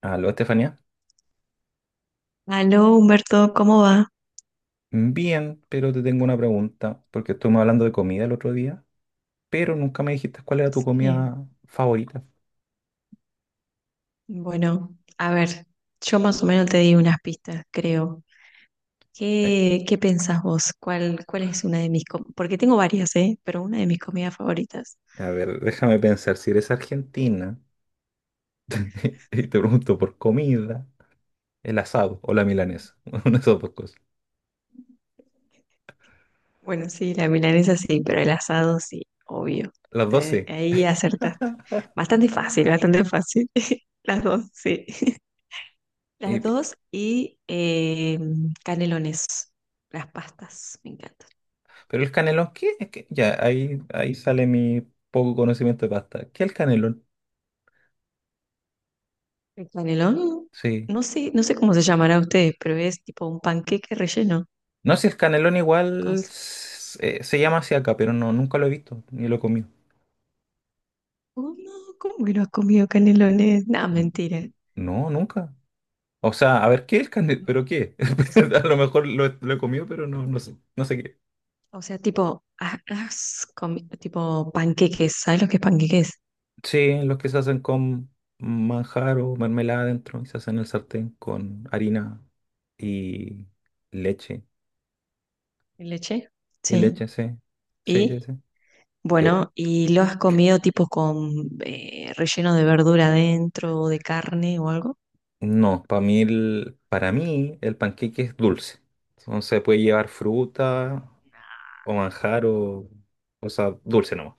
Aló, Estefanía. Aló, Humberto, ¿cómo va? Bien, pero te tengo una pregunta, porque estuvimos hablando de comida el otro día, pero nunca me dijiste cuál era tu Sí, comida favorita. bueno, a ver, yo más o menos te di unas pistas, creo. Eh, ¿Qué pensás vos? ¿Cuál es una de mis com- Porque tengo varias, ¿eh? Pero una de mis comidas favoritas. a ver, déjame pensar, si eres argentina y te pregunto por comida, el asado o la milanesa, una de esas dos cosas. Bueno, sí, la milanesa sí, pero el asado sí, obvio. Las dos Te- sí. ahí acertaste. Bastante fácil, bastante fácil. Las dos, sí. Las Y- dos y canelones, las pastas, me encanta. pero el canelón, ¿qué? Es que ya, ahí sale mi poco conocimiento de pasta. ¿Qué es el canelón? El canelón, Sí. no sé, no sé cómo se llamará a ustedes, pero es tipo un panqueque relleno No, si el canelón con igual sa- se llama así acá, pero no, nunca lo he visto ni lo he comido. Oh, no, ¿cómo que no has comido canelones? No, N- mentira. No, nunca. O sea, a ver, ¿qué es el candido? ¿Pero qué? O sea, A lo mejor he lo he comido, pero no, no sé qué. o sea, tipo, ha- has comi- tipo panqueques, ¿sabes lo que es panqueques? Sí, los que se hacen con manjar o mermelada adentro y se hacen en el sartén con harina y leche. ¿De leche? Y Sí. leche, sí. Sí, sí, Y sí. Eh, bueno, y lo has comido tipo con relleno de verdura adentro, o de carne o algo. no, para mí el, panqueque es dulce. Entonces puede llevar fruta o manjar o sea, dulce nomás,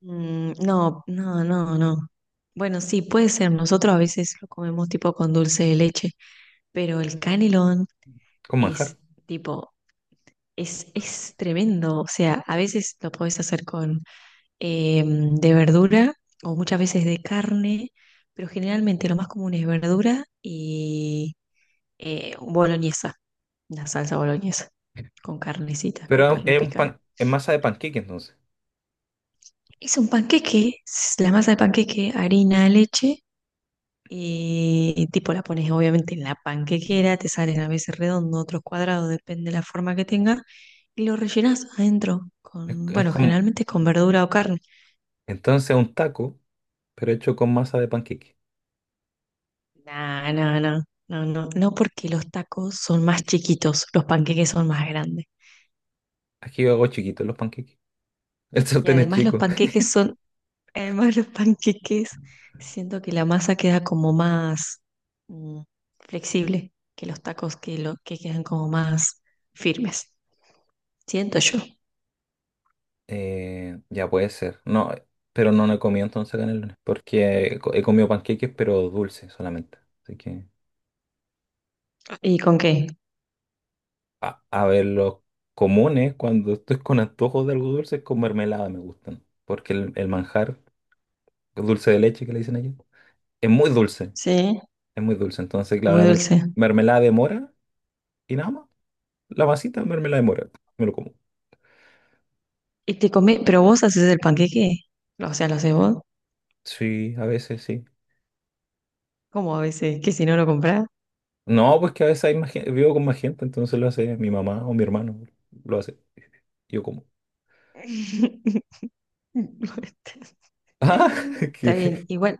Mm, no, no, no, no. Bueno, sí, puede ser. Nosotros a veces lo comemos tipo con dulce de leche. Pero el canelón con es manjar. tipo, es tremendo. O sea, a veces lo podés hacer con de verdura o muchas veces de carne, pero generalmente lo más común es verdura y boloñesa, la salsa boloñesa, con carnecita, con Pero carne picada. Es masa de panqueque entonces. Es un panqueque, es la masa de panqueque, harina, leche. Y tipo la pones obviamente en la panquequera, te salen a veces redondo, otros cuadrados, depende de la forma que tenga, y lo rellenas adentro Es, con, es bueno, como, generalmente es con verdura o carne. entonces un taco, pero hecho con masa de panqueque. No, no, no, no, no, no porque los tacos son más chiquitos, los panqueques son más grandes. Aquí yo hago chiquitos los panqueques. El Y sartén es además los chico. panqueques son, además los panqueques, siento que la masa queda como más mm, flexible que los tacos que quedan como más firmes. Siento yo. Ya puede ser. No, pero no he comido entonces canelones. Porque he comido panqueques, pero dulces solamente. Así que, ¿Y con qué? a ver, los comunes, cuando estoy con antojos de algo dulce, con mermelada me gustan. Porque el manjar, el dulce de leche que le dicen allá, es muy dulce. Sí, Es muy dulce. Entonces, es claro, muy la mer- dulce. mermelada de mora y nada más. La masita de mermelada de mora. Me lo como. Y te comés, pero vos haces el panqueque. O sea, lo haces vos. Sí, a veces sí. Como a veces? ¿Que si no lo comprás? No, pues que a veces hay más vivo con más gente, entonces lo hace mi mamá o mi hermano. Lo hace. Yo como. Ah, Está ¿qué? bien, igual.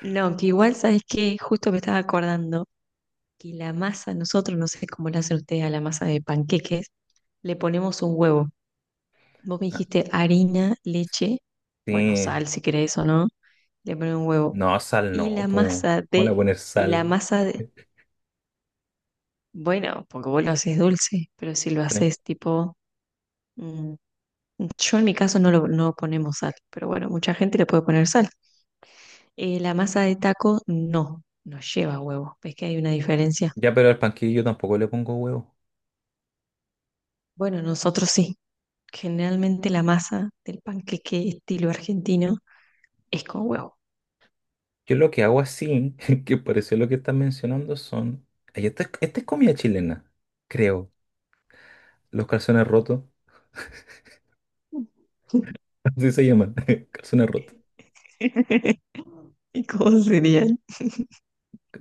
No, que igual sabes que justo me estaba acordando que la masa, nosotros, no sé cómo la hacen ustedes a la masa de panqueques, le ponemos un huevo. Vos me dijiste harina, leche, bueno, Sí. sal si querés o no, le pones un huevo. No, sal Y no, la pues. masa ¿Cómo le voy a de, poner y la sal? masa de, Bueno, porque vos lo haces dulce, pero si lo Sí. haces tipo, mm, yo en mi caso no ponemos sal, pero bueno, mucha gente le puede poner sal. La masa de taco no, no lleva huevo, ves que hay una diferencia. Ya, pero al panquillo yo tampoco le pongo huevo. Bueno, nosotros sí, generalmente la masa del panqueque estilo argentino es con huevo. Yo lo que hago así, que pareció lo que estás mencionando, son. Ay, esta es comida chilena, creo. Los calzones rotos, así se llaman. Calzones rotos. ¿Y cómo serían?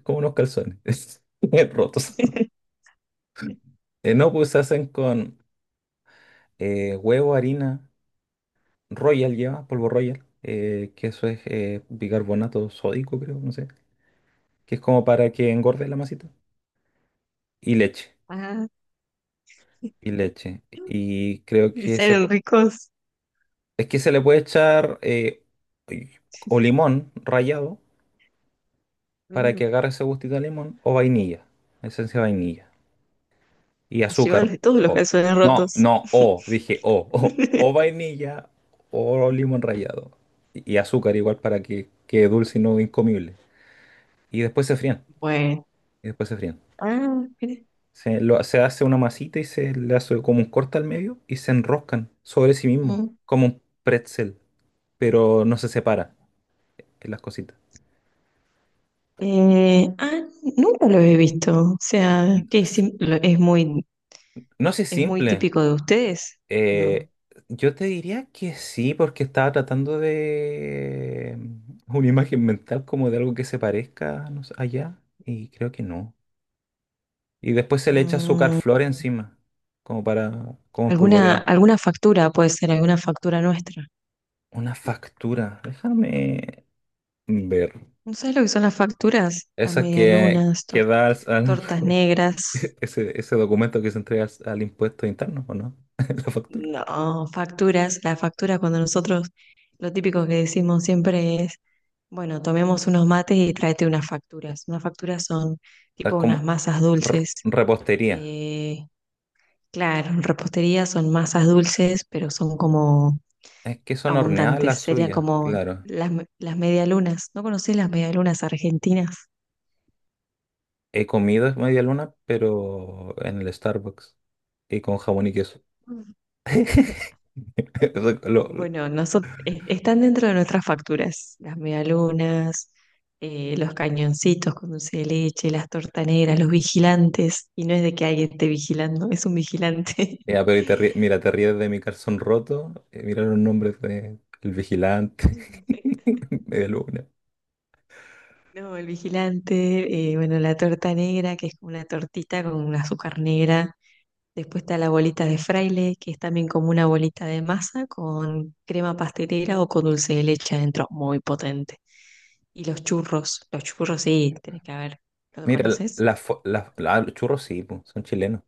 Como unos calzones. Rotos. No, pues se hacen con, huevo, harina, Royal lleva, polvo Royal, que eso es bicarbonato sódico, creo, no sé, que es como para que engorde la masita, y leche, Ah, y leche. Y creo y que salen ricos, es que se le puede echar o limón rallado para mm, que agarre ese gustito de limón, o vainilla, esencia de vainilla, y llevan azúcar. de todos los o- calzones no, rotos. no, o, dije o vainilla o limón rallado. Y azúcar igual para que quede dulce y no incomible. Y después se frían. Bueno, Y después se frían. ah, mira. Se hace una masita y se le hace como un corte al medio y se enroscan sobre sí mismo, Mm. como un pretzel, pero no se separa en las cositas. Ah, nunca lo he visto. O sea, que es, S- sim- lo- No sé, es muy simple. típico de ustedes, ¿no? Eh, yo te diría que sí, porque estaba tratando de una imagen mental como de algo que se parezca, no sé, allá, y creo que no. Y después se le echa azúcar Mm, flor encima, como alguna, espolvoreado. alguna factura puede ser, alguna factura nuestra. Una factura. Déjame ver. ¿No sabes lo que son las facturas? Las Esa que, medialunas, que tor- da tortas negras. ese documento que se entrega al impuesto interno, ¿o no? La factura. No, facturas. La factura cuando nosotros, lo típico que decimos siempre es, bueno, tomemos unos mates y tráete unas facturas. Unas facturas son Es tipo unas como masas r- dulces. repostería. eh, Claro, en repostería son masas dulces, pero son como Es que son horneadas abundantes. las Serían suyas, como claro. las medialunas. ¿No conocés las medialunas argentinas? He comido media luna, pero en el Starbucks. Y con jamón y queso. Mm. Eso lo- lo- Bueno, nosotros, están dentro de nuestras facturas. Las medialunas, los cañoncitos con dulce de leche, las tortaneras, los vigilantes. Y no es de que alguien esté vigilando, es un vigilante. Ya, pero mira, te ríes de mi calzón roto. Mira los nombres de El Vigilante. Mm. Media luna. No, el vigilante, bueno, la torta negra, que es como una tortita con un azúcar negra. Después está la bolita de fraile, que es también como una bolita de masa con crema pastelera o con dulce de leche adentro, muy potente. Y los churros sí, tenés que haber, ¿lo Mira, las conoces? la, fo- la- la- los churros sí, po, son chilenos.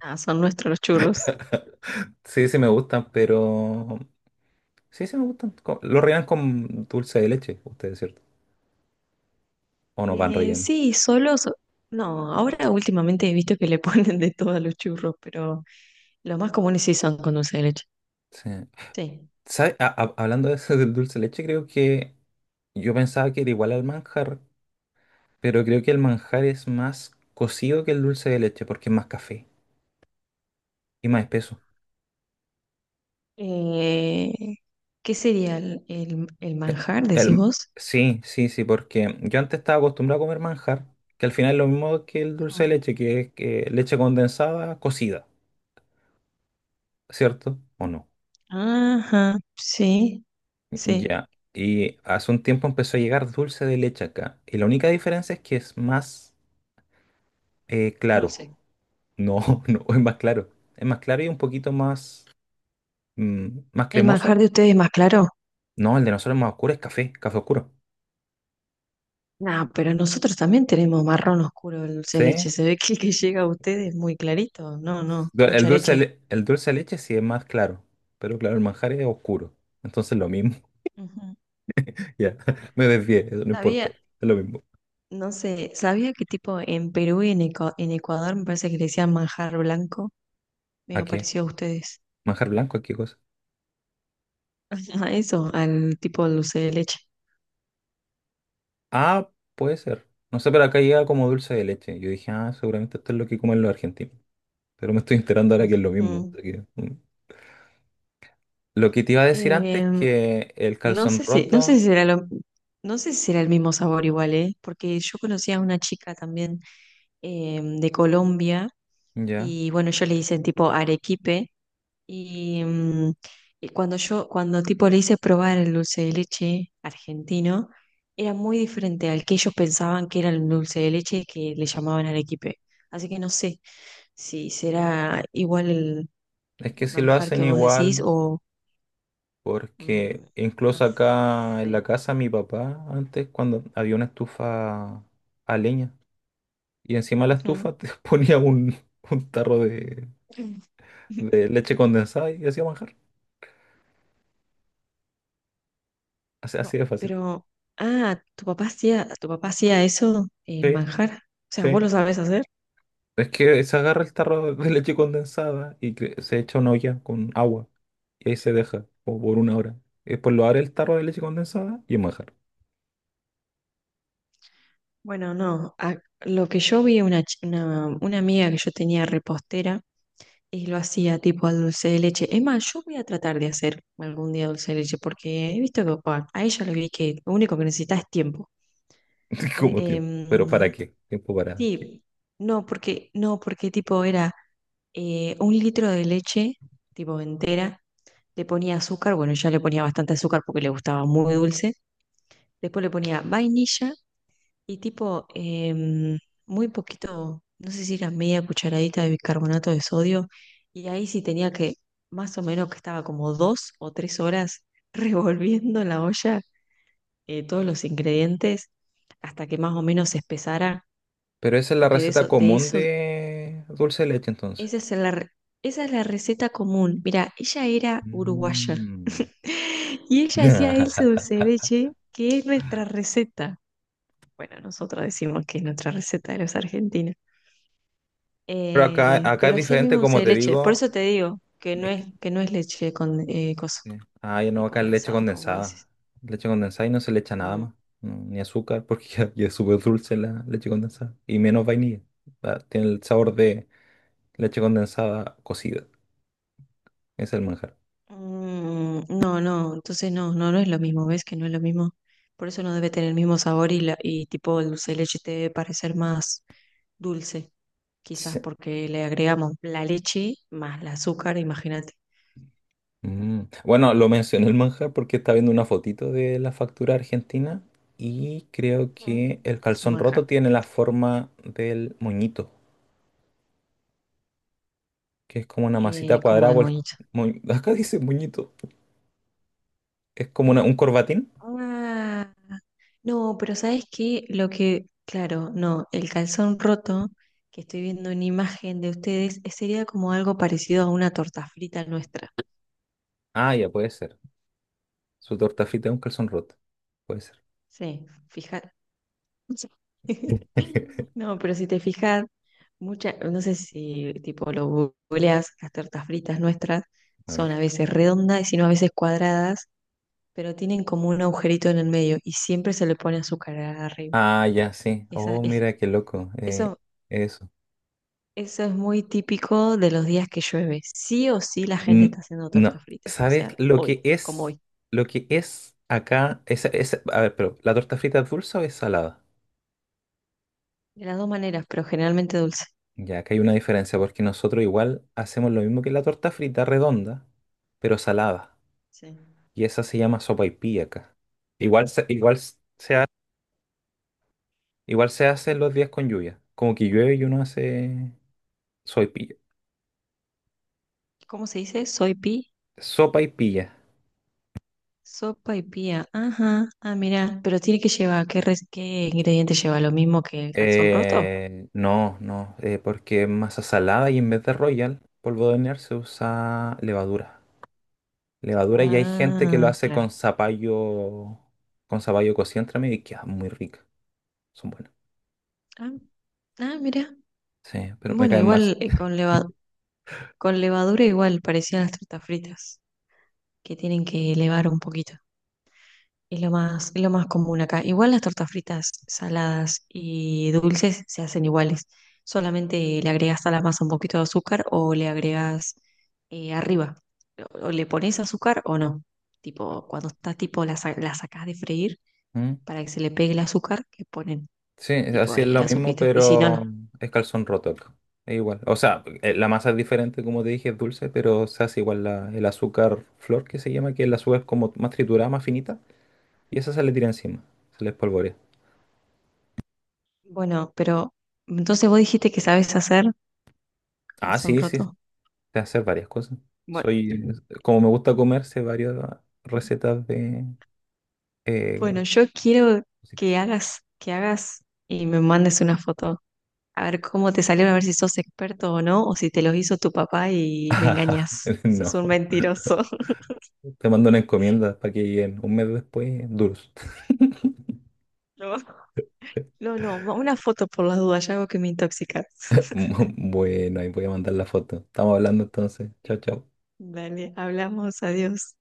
Ah, son nuestros los churros. Sí, sí me gustan, pero... Sí, sí me gustan. Lo rellenan con dulce de leche, ustedes, ¿cierto? O no van relleno. Sí, solos, no, ahora últimamente he visto que le ponen de todo a los churros, pero los más comunes sí son con dulce de leche. Sí. Sí. ¿Sabe? Hablando de eso del dulce de leche, creo que yo pensaba que era igual al manjar, pero creo que el manjar es más cocido que el dulce de leche porque es más café y más espeso. Eh, ¿qué sería el, el manjar, decís El... vos? Sí, sí, sí, porque yo antes estaba acostumbrado a comer manjar, que al final es lo mismo que el dulce de Mm. leche, que es que leche condensada cocida, ¿cierto? ¿O no? Ajá, sí, sí. Ya. Y hace un tiempo empezó a llegar dulce de leche acá. Y la única diferencia es que es más claro. Dulce. No, no, es más claro. Es más claro y un poquito más El cremoso. manjar de ustedes es más claro. No, el de nosotros es más oscuro, es café, café oscuro. No, pero nosotros también tenemos marrón oscuro el dulce de leche. Sí. Se ve que el que llega a ustedes es muy clarito. No, no, El mucha dulce, de leche. le- el dulce de leche sí es más claro. Pero claro, el manjar es oscuro. Entonces lo mismo. Ujú. Ya, me desvié, eso no importa. Sabía, Es lo mismo. no sé, sabía que tipo en Perú y en Ecuador me parece que le decían manjar blanco. ¿A Me qué? pareció a ustedes. ¿Manjar blanco? ¿A qué cosa? A eso, al tipo de dulce de leche. Ah, puede ser. No sé, pero acá llega como dulce de leche. Yo dije, ah, seguramente esto es lo que comen los argentinos. Pero me estoy enterando ahora que es lo mismo. Ujú. Así que, mm. Lo que te iba a decir antes es Em, que el no calzón sé si, no sé roto, si será el mismo sabor igual, ¿eh? Porque yo conocía a una chica también de Colombia. ya, Y bueno, yo le hice tipo arequipe y, mm, y cuando tipo le hice probar el dulce de leche argentino, era muy diferente al que ellos pensaban que era el dulce de leche que le llamaban arequipe. Así que no sé si será igual el, es que el si lo manjar hacen que vos decís igual, o porque mm, no incluso acá en la sé. casa mi papá, antes cuando había una estufa a leña, y encima de la Ujú. estufa te ponía un, tarro de, Mm. de leche condensada y hacía manjar. Así, No, así de fácil. pero, ah, ¿tu papá hacía eso, el Sí, manjar? O sea, sí. ¿vos lo sabés hacer? Es que se agarra el tarro de leche condensada y se echa una olla con agua. Y ahí se deja, como por una hora. Y después lo abre el tarro de leche condensada y es manjar. Bueno, no, lo que yo vi, una amiga que yo tenía repostera y lo hacía tipo al dulce de leche. Es más, yo voy a tratar de hacer algún día dulce de leche porque he visto que a ella le vi que lo único que necesita es tiempo. Eh, Como tiempo. Pero ¿para em, qué? Tiempo para qué. sí, no, porque, no, porque tipo era un litro de leche, tipo entera, le ponía azúcar, bueno, ya le ponía bastante azúcar porque le gustaba muy dulce. Después le ponía vainilla. Y tipo, muy poquito, no sé si era media cucharadita de bicarbonato de sodio, y ahí sí tenía que, más o menos que estaba como 2 o 3 horas revolviendo en la olla todos los ingredientes hasta que más o menos se espesara, Pero esa es la porque receta común de dulce de leche entonces. esa es la, re- esa es la receta común. Mira, ella era uruguaya Mm. y ella hacía ese dulce de leche que es nuestra receta. Bueno, nosotros decimos que es nuestra receta de los argentinos. Pero acá, Eh, acá es pero sí el diferente, mismo dulce como de te leche. Por digo. eso te digo que no Es es, que no es leche con, cosa, Sí. Ah, yo no, acá es leche condensada, como vos condensada. decís. Leche condensada y no se le echa nada Mm. más. No, ni azúcar, porque ya es súper dulce la leche condensada. Y menos vainilla. Ah, tiene el sabor de leche condensada cocida. Es el manjar. Mm, no, no, entonces no, no, no es lo mismo, ¿ves que no es lo mismo? Por eso no debe tener el mismo sabor y tipo el dulce de leche te debe parecer más dulce, quizás Sí. porque le agregamos la leche más el azúcar, imagínate. Mm. Bueno, lo mencioné el manjar porque estaba viendo una fotito de la factura argentina y creo que Mm. el Es un calzón roto manjar, tiene la forma del moñito, que es como una masita como cuadrada. del monito. Acá dice moñito. Es como un corbatín. No, pero ¿sabes qué? Lo que, claro, no, el calzón roto, que estoy viendo una imagen de ustedes, sería como algo parecido a una torta frita nuestra. Ah, ya puede ser. Su torta frita es un calzón roto. Puede ser. Sí, fija. No, pero si te fijas, muchas, no sé si tipo lo googleas, las tortas fritas nuestras A son ver. a veces redondas y si no a veces cuadradas, pero tienen como un agujerito en el medio y siempre se le pone azúcar arriba. Ah, ya, sí. Esa, Oh, es, mira, qué loco. Eh, eso eso. Eso es muy típico de los días que llueve. Sí o sí la gente está N- haciendo torta no. frita. O ¿Sabes sea, lo que hoy, como es? hoy. Lo que es acá. A ver, pero ¿la torta frita es dulce o es salada? De las dos maneras, pero generalmente dulce. Ya, acá hay una diferencia porque nosotros igual hacemos lo mismo que la torta frita redonda, pero salada. Sí. Y esa se llama sopaipilla acá. Igual se, igual se, ha- igual se hace los días con lluvia. Como que llueve y uno hace sopaipilla. ¿Cómo se dice? Soy pi. Sopa y pilla. Sopa y pía. Ajá. Ah, mira. Pero tiene que llevar, ¿qué ingrediente lleva? ¿Lo mismo que el calzón roto? No, no, porque es masa salada y en vez de Royal, polvo de hornear, se usa levadura. Levadura y hay gente que lo Ah, hace claro. Con zapallo cocido entre medio y queda muy rica. Son buenas. Ah, ah, mira. Sí, pero me Bueno, caen mal. Sí. igual con levadura igual parecían las tortas fritas, que tienen que elevar un poquito. Es lo más común acá. Igual las tortas fritas saladas y dulces se hacen iguales. Solamente le agregas a la masa un poquito de azúcar o le agregas arriba. O le pones azúcar o no. Tipo, cuando está tipo, la sacás de freír ¿Mm? para que se le pegue el azúcar, le ponen Sí, tipo así es ahí el lo mismo, azuquita. Y si no, pero no. es calzón roto acá. Es igual. O sea, la masa es diferente, como te dije, es dulce, pero se hace igual el azúcar flor que se llama, que el azúcar es como más triturada, más finita, y esa se le tira encima, se le espolvorea. Bueno, pero entonces vos dijiste que sabes hacer Ah, calzón sí, sí, roto. de hacer varias cosas. Bueno, Soy, como me gusta comer, sé varias recetas de eh, bueno, yo quiero que cositas. hagas, que hagas y me mandes una foto. A ver cómo te salieron, a ver si sos experto o no, o si te los hizo tu papá y me engañas. Sos No, un mentiroso. te mando una encomienda para que lleguen un mes después duros. No, no, no, una foto por las dudas, ya algo que me intoxica. Bueno, ahí voy a mandar la foto. Estamos hablando entonces. Chao, chao. Dale, hablamos, adiós.